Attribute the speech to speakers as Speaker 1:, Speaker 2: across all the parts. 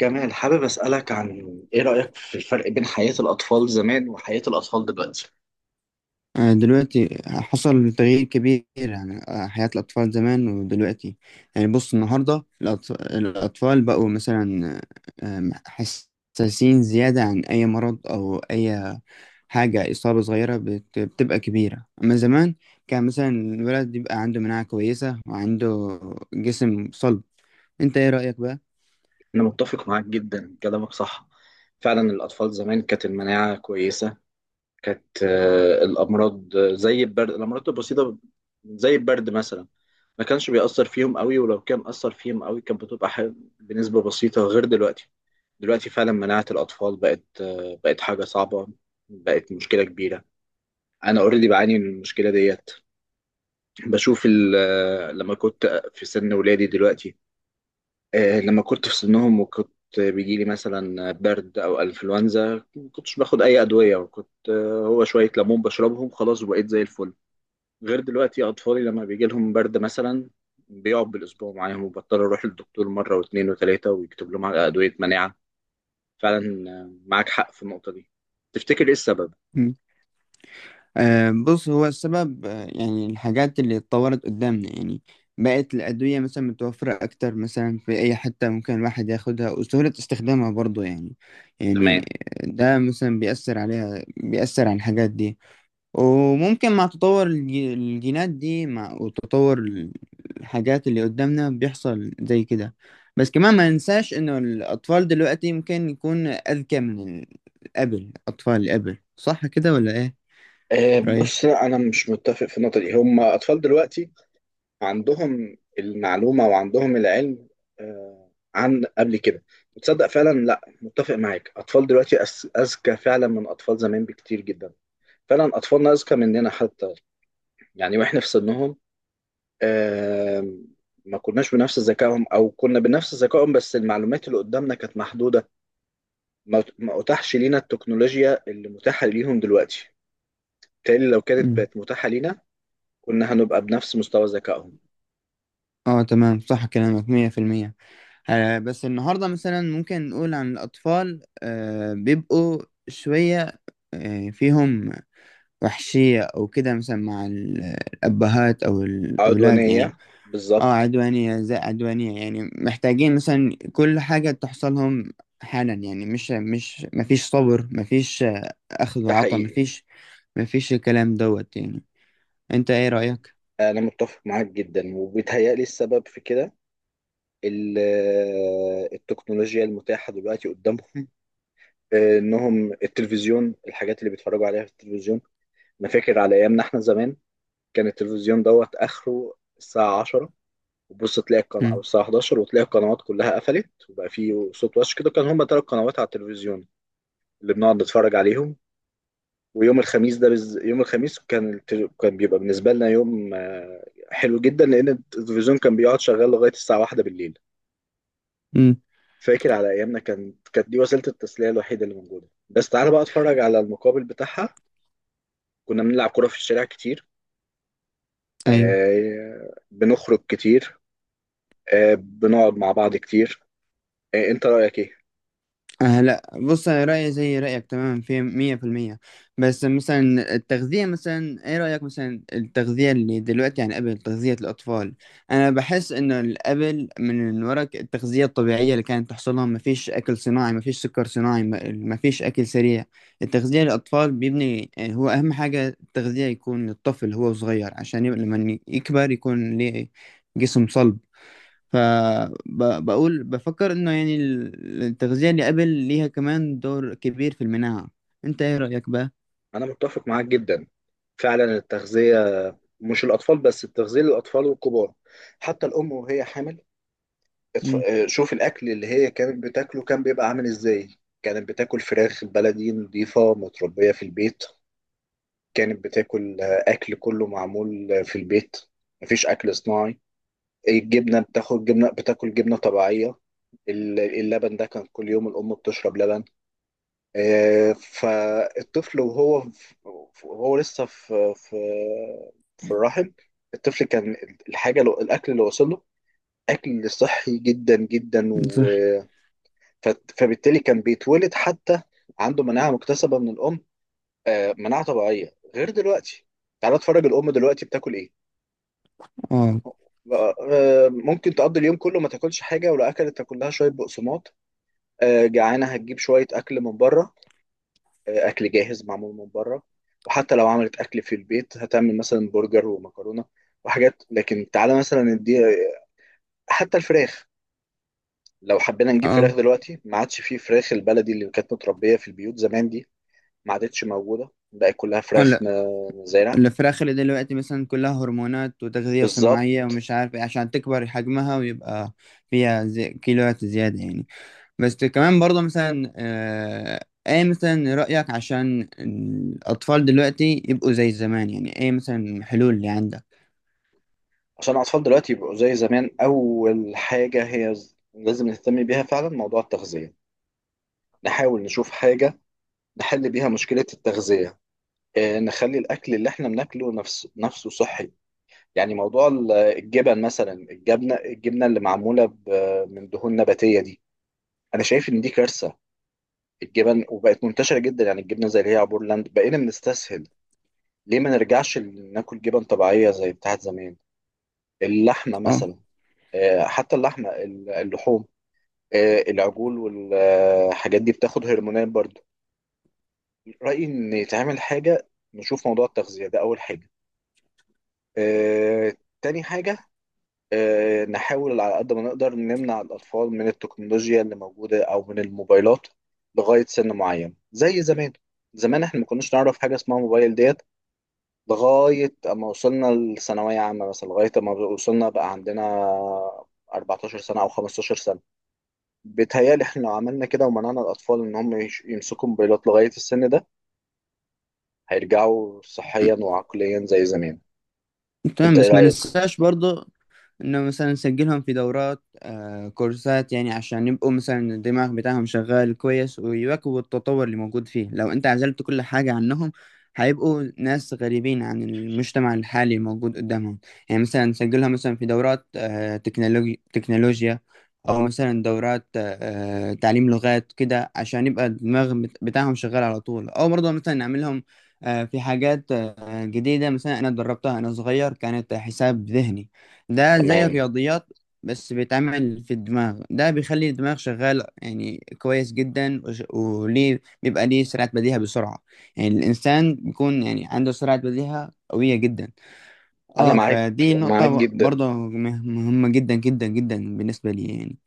Speaker 1: جمال حابب أسألك عن إيه رأيك في الفرق بين حياة الأطفال زمان وحياة الأطفال دلوقتي؟
Speaker 2: دلوقتي حصل تغيير كبير يعني، حياة الأطفال زمان ودلوقتي. يعني بص، النهاردة الأطفال بقوا مثلا حساسين زيادة عن أي مرض أو أي حاجة. إصابة صغيرة بتبقى كبيرة، أما زمان كان مثلا الولد يبقى عنده مناعة كويسة وعنده جسم صلب. أنت إيه رأيك بقى؟
Speaker 1: أنا متفق معاك جدا، كلامك صح. فعلا الأطفال زمان كانت المناعة كويسة. كانت الأمراض، زي البرد، الأمراض البسيطة زي البرد مثلا ما كانش بيأثر فيهم قوي، ولو كان أثر فيهم قوي كانت بتبقى بنسبة بسيطة، غير دلوقتي. دلوقتي فعلا مناعة الأطفال بقت، بقت حاجة صعبة، بقت مشكلة كبيرة. أنا أوريدي بعاني من المشكلة ديت. بشوف لما كنت في سن ولادي دلوقتي، لما كنت في سنهم وكنت بيجيلي مثلا برد او انفلونزا، ما كنتش باخد اي ادويه، وكنت هو شويه ليمون بشربهم خلاص وبقيت زي الفل. غير دلوقتي اطفالي لما بيجي لهم برد مثلا بيقعد بالاسبوع معاهم، وبضطر اروح للدكتور مره واثنين وثلاثه ويكتب لهم على ادويه مناعه. فعلا، معاك حق في النقطه دي. تفتكر ايه السبب؟
Speaker 2: بص، هو السبب، يعني الحاجات اللي اتطورت قدامنا، يعني بقت الأدوية مثلا متوفرة أكتر، مثلا في أي حتة ممكن الواحد ياخدها، وسهولة استخدامها برضو يعني. يعني
Speaker 1: تمام.
Speaker 2: ده مثلا بيأثر عليها، بيأثر على الحاجات دي. وممكن مع تطور الجينات دي، مع وتطور الحاجات اللي قدامنا، بيحصل زي كده. بس كمان ما ننساش إنه الأطفال دلوقتي ممكن يكون أذكى من قبل، أطفال قبل، صح كده ولا إيه رأيك؟
Speaker 1: بص، لا، انا مش متفق في النقطه دي. هم اطفال دلوقتي عندهم المعلومة وعندهم العلم، عن قبل كده. وتصدق فعلا، لا، متفق معاك، أطفال دلوقتي أذكى فعلا من أطفال زمان بكتير جدا. فعلا أطفالنا أذكى مننا حتى، يعني وإحنا في سنهم، آه، ما كناش بنفس ذكائهم، أو كنا بنفس ذكائهم بس المعلومات اللي قدامنا كانت محدودة. ما أتاحش لينا التكنولوجيا اللي متاحة ليهم دلوقتي، بالتالي لو كانت
Speaker 2: مم.
Speaker 1: بقت متاحة لينا كنا هنبقى بنفس مستوى ذكائهم.
Speaker 2: اه تمام، صح كلامك، 100%. بس النهاردة مثلا ممكن نقول عن الأطفال آه بيبقوا شوية آه فيهم وحشية أو كده، مثلا مع الأبهات أو الأولاد يعني.
Speaker 1: عدوانية،
Speaker 2: اه
Speaker 1: بالظبط.
Speaker 2: عدوانية، زي عدوانية، يعني محتاجين مثلا كل حاجة تحصلهم حالا يعني. مش مفيش صبر، مفيش أخذ
Speaker 1: ده
Speaker 2: وعطا،
Speaker 1: حقيقي.
Speaker 2: مفيش مفيش الكلام دوت يعني. أنت إيه رأيك؟
Speaker 1: أنا متفق معاك جدا، وبيتهيألي السبب في كده التكنولوجيا المتاحة دلوقتي قدامهم، إنهم التلفزيون، الحاجات اللي بيتفرجوا عليها في التلفزيون. أنا فاكر على أيامنا إحنا زمان كان التلفزيون دوت آخره الساعة 10، وبص تلاقي القناة أو
Speaker 2: مم.
Speaker 1: الساعة 11 وتلاقي القنوات كلها قفلت وبقى فيه صوت وش كده. كان هما تلات قنوات على التلفزيون اللي بنقعد نتفرج عليهم. ويوم الخميس ده يوم الخميس كان كان بيبقى بالنسبة لنا يوم، حلو جدا، لأن التلفزيون كان بيقعد شغال لغاية الساعة واحدة بالليل.
Speaker 2: مم.
Speaker 1: فاكر على أيامنا كانت دي وسيلة التسلية الوحيدة اللي موجودة، بس تعالى بقى اتفرج على المقابل بتاعها. كنا بنلعب كورة في الشارع كتير،
Speaker 2: أيوه.
Speaker 1: بنخرج كتير، بنقعد مع بعض كتير. أنت رأيك إيه؟
Speaker 2: آه لا بص، انا رايي زي رايك تماما، في 100%. بس مثلا التغذيه، مثلا ايه رايك مثلا؟ التغذيه اللي دلوقتي عن قبل، تغذيه الاطفال، انا بحس ان قبل من ورا التغذيه الطبيعيه اللي كانت تحصلها، ما فيش اكل صناعي، ما فيش سكر صناعي، ما فيش اكل سريع. التغذيه للاطفال بيبني، هو اهم حاجه التغذيه يكون للطفل هو صغير، عشان يبقى لما يكبر يكون ليه جسم صلب. فبقول بفكر انه يعني التغذية اللي قبل ليها كمان دور كبير في المناعة. انت ايه رأيك بقى؟
Speaker 1: أنا متفق معاك جدا. فعلا التغذية، مش الأطفال بس، التغذية للأطفال والكبار، حتى الأم وهي حامل.
Speaker 2: امم.
Speaker 1: شوف الاكل اللي هي كانت بتاكله كان بيبقى عامل ازاي. كانت بتاكل فراخ بلدي نظيفه متربيه في البيت. كانت بتاكل، اكل كله معمول، في البيت، مفيش اكل صناعي. الجبنه بتاخد جبنه، بتاكل جبنه طبيعيه. اللبن ده كان كل يوم الام بتشرب لبن. فالطفل وهو وهو لسه في في الرحم، الطفل كان الحاجه، الأكل اللي وصل له اكل صحي جدا جدا.
Speaker 2: صح.
Speaker 1: فبالتالي كان بيتولد حتى عنده مناعة مكتسبة من الأم، مناعة طبيعية، غير دلوقتي. تعالى اتفرج الأم دلوقتي بتاكل إيه.
Speaker 2: اه.
Speaker 1: ممكن تقضي اليوم كله ما تاكلش حاجة، ولو أكلت تاكل لها شوية بقسماط، جعانة هتجيب شوية أكل من بره، أكل جاهز معمول من بره. وحتى لو عملت أكل في البيت هتعمل مثلا برجر ومكرونة وحاجات، لكن تعالى مثلا ندي حتى الفراخ. لو حبينا نجيب فراخ
Speaker 2: اه.
Speaker 1: دلوقتي، ما عادش فيه فراخ البلدي اللي كانت متربية في البيوت زمان دي، ما عادتش موجوده، بقت كلها
Speaker 2: اه
Speaker 1: فراخ
Speaker 2: لا،
Speaker 1: مزارع.
Speaker 2: الفراخ اللي دلوقتي مثلا كلها هرمونات وتغذية
Speaker 1: بالظبط.
Speaker 2: صناعية ومش عارف ايه، عشان تكبر حجمها ويبقى فيها زي كيلوات زيادة يعني. بس كمان برضه مثلا آه ايه مثلا رأيك؟ عشان الأطفال دلوقتي يبقوا زي زمان، يعني ايه مثلا الحلول اللي عندك؟
Speaker 1: عشان الاطفال دلوقتي يبقوا زي زمان، اول حاجه هي لازم نهتم بيها فعلا، موضوع التغذيه. نحاول نشوف حاجه نحل بيها مشكله التغذيه، نخلي الاكل اللي احنا بناكله نفسه صحي. يعني موضوع الجبن مثلا، الجبنه اللي معموله من دهون نباتيه دي، انا شايف ان دي كارثه، الجبن، وبقت منتشره جدا. يعني الجبنه زي اللي هي عبور لاند، بقينا بنستسهل. ليه ما نرجعش ناكل جبن طبيعيه زي بتاعت زمان؟ اللحمة
Speaker 2: آه.
Speaker 1: مثلا، حتى اللحمة، اللحوم، العجول والحاجات دي بتاخد هرمونات برضو. رأيي إن يتعمل حاجة، نشوف موضوع التغذية ده أول حاجة. آه، تاني حاجة، نحاول على قد ما نقدر نمنع الأطفال من التكنولوجيا اللي موجودة أو من الموبايلات لغاية سن معين زي زمان. زمان احنا ما كناش نعرف حاجة اسمها موبايل ديت، لغاية أما وصلنا لثانوية عامة مثلا، لغاية أما وصلنا بقى عندنا 14 سنة أو 15 سنة. بيتهيألي احنا لو عملنا كده ومنعنا الأطفال إن هم يمسكوا موبايلات لغاية السن ده، هيرجعوا صحيا وعقليا زي زمان.
Speaker 2: تمام،
Speaker 1: أنت إيه
Speaker 2: بس ما
Speaker 1: رأيك؟
Speaker 2: ننساش برضو انه مثلا نسجلهم في دورات، آه كورسات، يعني عشان يبقوا مثلا الدماغ بتاعهم شغال كويس، ويواكبوا التطور اللي موجود فيه. لو انت عزلت كل حاجة عنهم، هيبقوا ناس غريبين عن المجتمع الحالي الموجود قدامهم. يعني مثلا نسجلهم مثلا في دورات آه تكنولوجيا، او مثلا دورات آه تعليم لغات كده، عشان يبقى الدماغ بتاعهم شغال على طول. او برضه مثلا نعملهم في حاجات جديدة. مثلا أنا دربتها أنا صغير، كانت حساب ذهني، ده زي
Speaker 1: تمام.
Speaker 2: الرياضيات، بس بيتعمل في الدماغ ده، بيخلي الدماغ شغال يعني كويس جدا، وليه بيبقى ليه سرعة بديهة، بسرعة يعني، الإنسان بيكون يعني عنده سرعة بديهة قوية جدا.
Speaker 1: أنا
Speaker 2: اه
Speaker 1: معاك،
Speaker 2: فدي
Speaker 1: معاك
Speaker 2: نقطة
Speaker 1: جدا.
Speaker 2: برضه مهمة جدا جدا جدا بالنسبة لي يعني.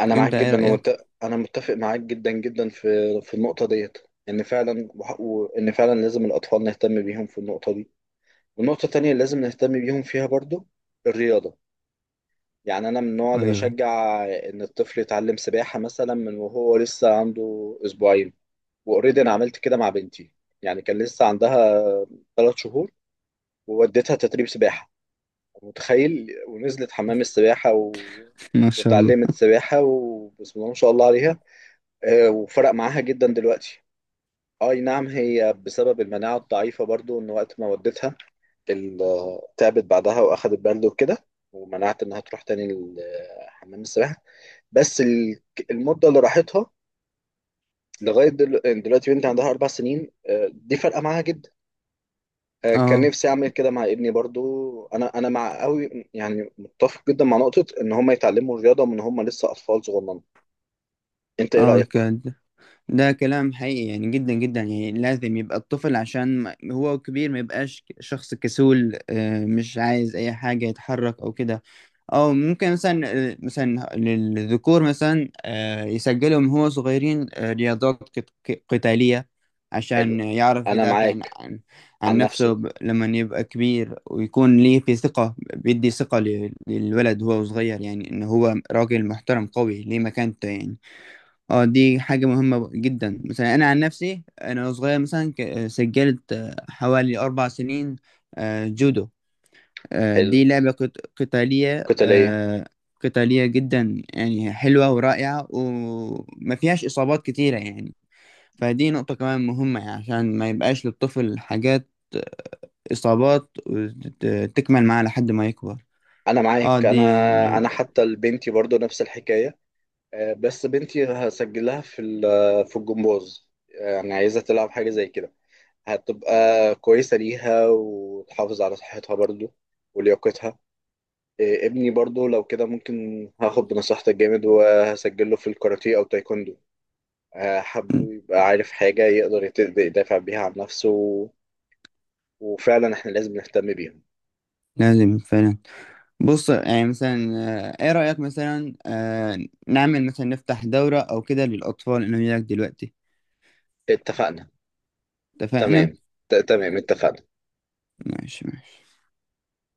Speaker 1: أنا معاك
Speaker 2: أنت إيه
Speaker 1: جدا
Speaker 2: رأيك؟
Speaker 1: أنا متفق معاك جدا جدا في في النقطة ديت، إن فعلا وإن فعلا لازم الأطفال نهتم بيهم في النقطة دي. والنقطة التانية اللي لازم نهتم بيهم فيها برضو الرياضة. يعني أنا من النوع اللي
Speaker 2: أيوه.
Speaker 1: بشجع إن الطفل يتعلم سباحة مثلا من وهو لسه عنده أسبوعين. واوريدي انا عملت كده مع بنتي. يعني كان لسه عندها ثلاث شهور، ووديتها تدريب سباحه، متخيل، ونزلت حمام السباحه
Speaker 2: ما شاء الله.
Speaker 1: وتعلمت سباحه، وبسم الله ما شاء الله عليها. وفرق معاها جدا دلوقتي. اي نعم، هي بسبب المناعه الضعيفه برضو، ان وقت ما وديتها تعبت بعدها واخدت برد وكده، ومنعت انها تروح تاني حمام السباحه. بس المده اللي راحتها لغايه دلوقتي، بنتي عندها اربع سنين، دي فرقه معاها جدا. كان
Speaker 2: اه.
Speaker 1: نفسي اعمل كده مع ابني برضو. انا مع قوي، يعني متفق جدا مع نقطة ان هم يتعلموا الرياضة من هم لسه اطفال صغننه. انت ايه
Speaker 2: اه
Speaker 1: رأيك؟
Speaker 2: كده. ده كلام حقيقي يعني، جدا جدا، يعني لازم يبقى الطفل عشان هو كبير ما يبقاش شخص كسول، مش عايز اي حاجة، يتحرك او كده. او ممكن مثلا مثلا للذكور مثلا يسجلوا من هو صغيرين رياضات قتالية، عشان
Speaker 1: حلو.
Speaker 2: يعرف
Speaker 1: انا
Speaker 2: يدافع عن
Speaker 1: معاك.
Speaker 2: عن
Speaker 1: عن نفسه.
Speaker 2: نفسه. لما يبقى كبير ويكون ليه في ثقة، بيدي ثقة للولد وهو صغير، يعني ان هو راجل محترم قوي ليه مكانته يعني. اه دي حاجة مهمة جدا. مثلا أنا عن نفسي، أنا وأنا صغير مثلا سجلت حوالي 4 سنين جودو.
Speaker 1: حلو.
Speaker 2: دي لعبة قتالية،
Speaker 1: قتالية.
Speaker 2: قتالية جدا، يعني حلوة ورائعة وما فيهاش إصابات كتيرة يعني. فدي نقطة كمان مهمة، يعني عشان ما يبقاش للطفل حاجات، آه، إصابات وتكمل معاه لحد ما يكبر.
Speaker 1: انا
Speaker 2: اه
Speaker 1: معاك، انا
Speaker 2: ج-
Speaker 1: انا حتى لبنتي برضو نفس الحكاية. بس بنتي هسجلها في في الجمباز، يعني عايزة تلعب حاجة زي كده، هتبقى كويسة ليها وتحافظ على صحتها برضو ولياقتها. إيه، ابني برضو لو كده ممكن هاخد بنصيحتك جامد وهسجله في الكاراتيه او تايكوندو، حبه يبقى عارف حاجة يقدر يدافع بيها عن نفسه. وفعلا احنا لازم نهتم بيهم.
Speaker 2: لازم فعلا. بص يعني مثلا ايه رأيك مثلا نعمل مثلا، نفتح دورة او كده للأطفال اللي هناك دلوقتي؟
Speaker 1: اتفقنا.
Speaker 2: اتفقنا.
Speaker 1: تمام. تمام، اتفقنا.
Speaker 2: ماشي ماشي.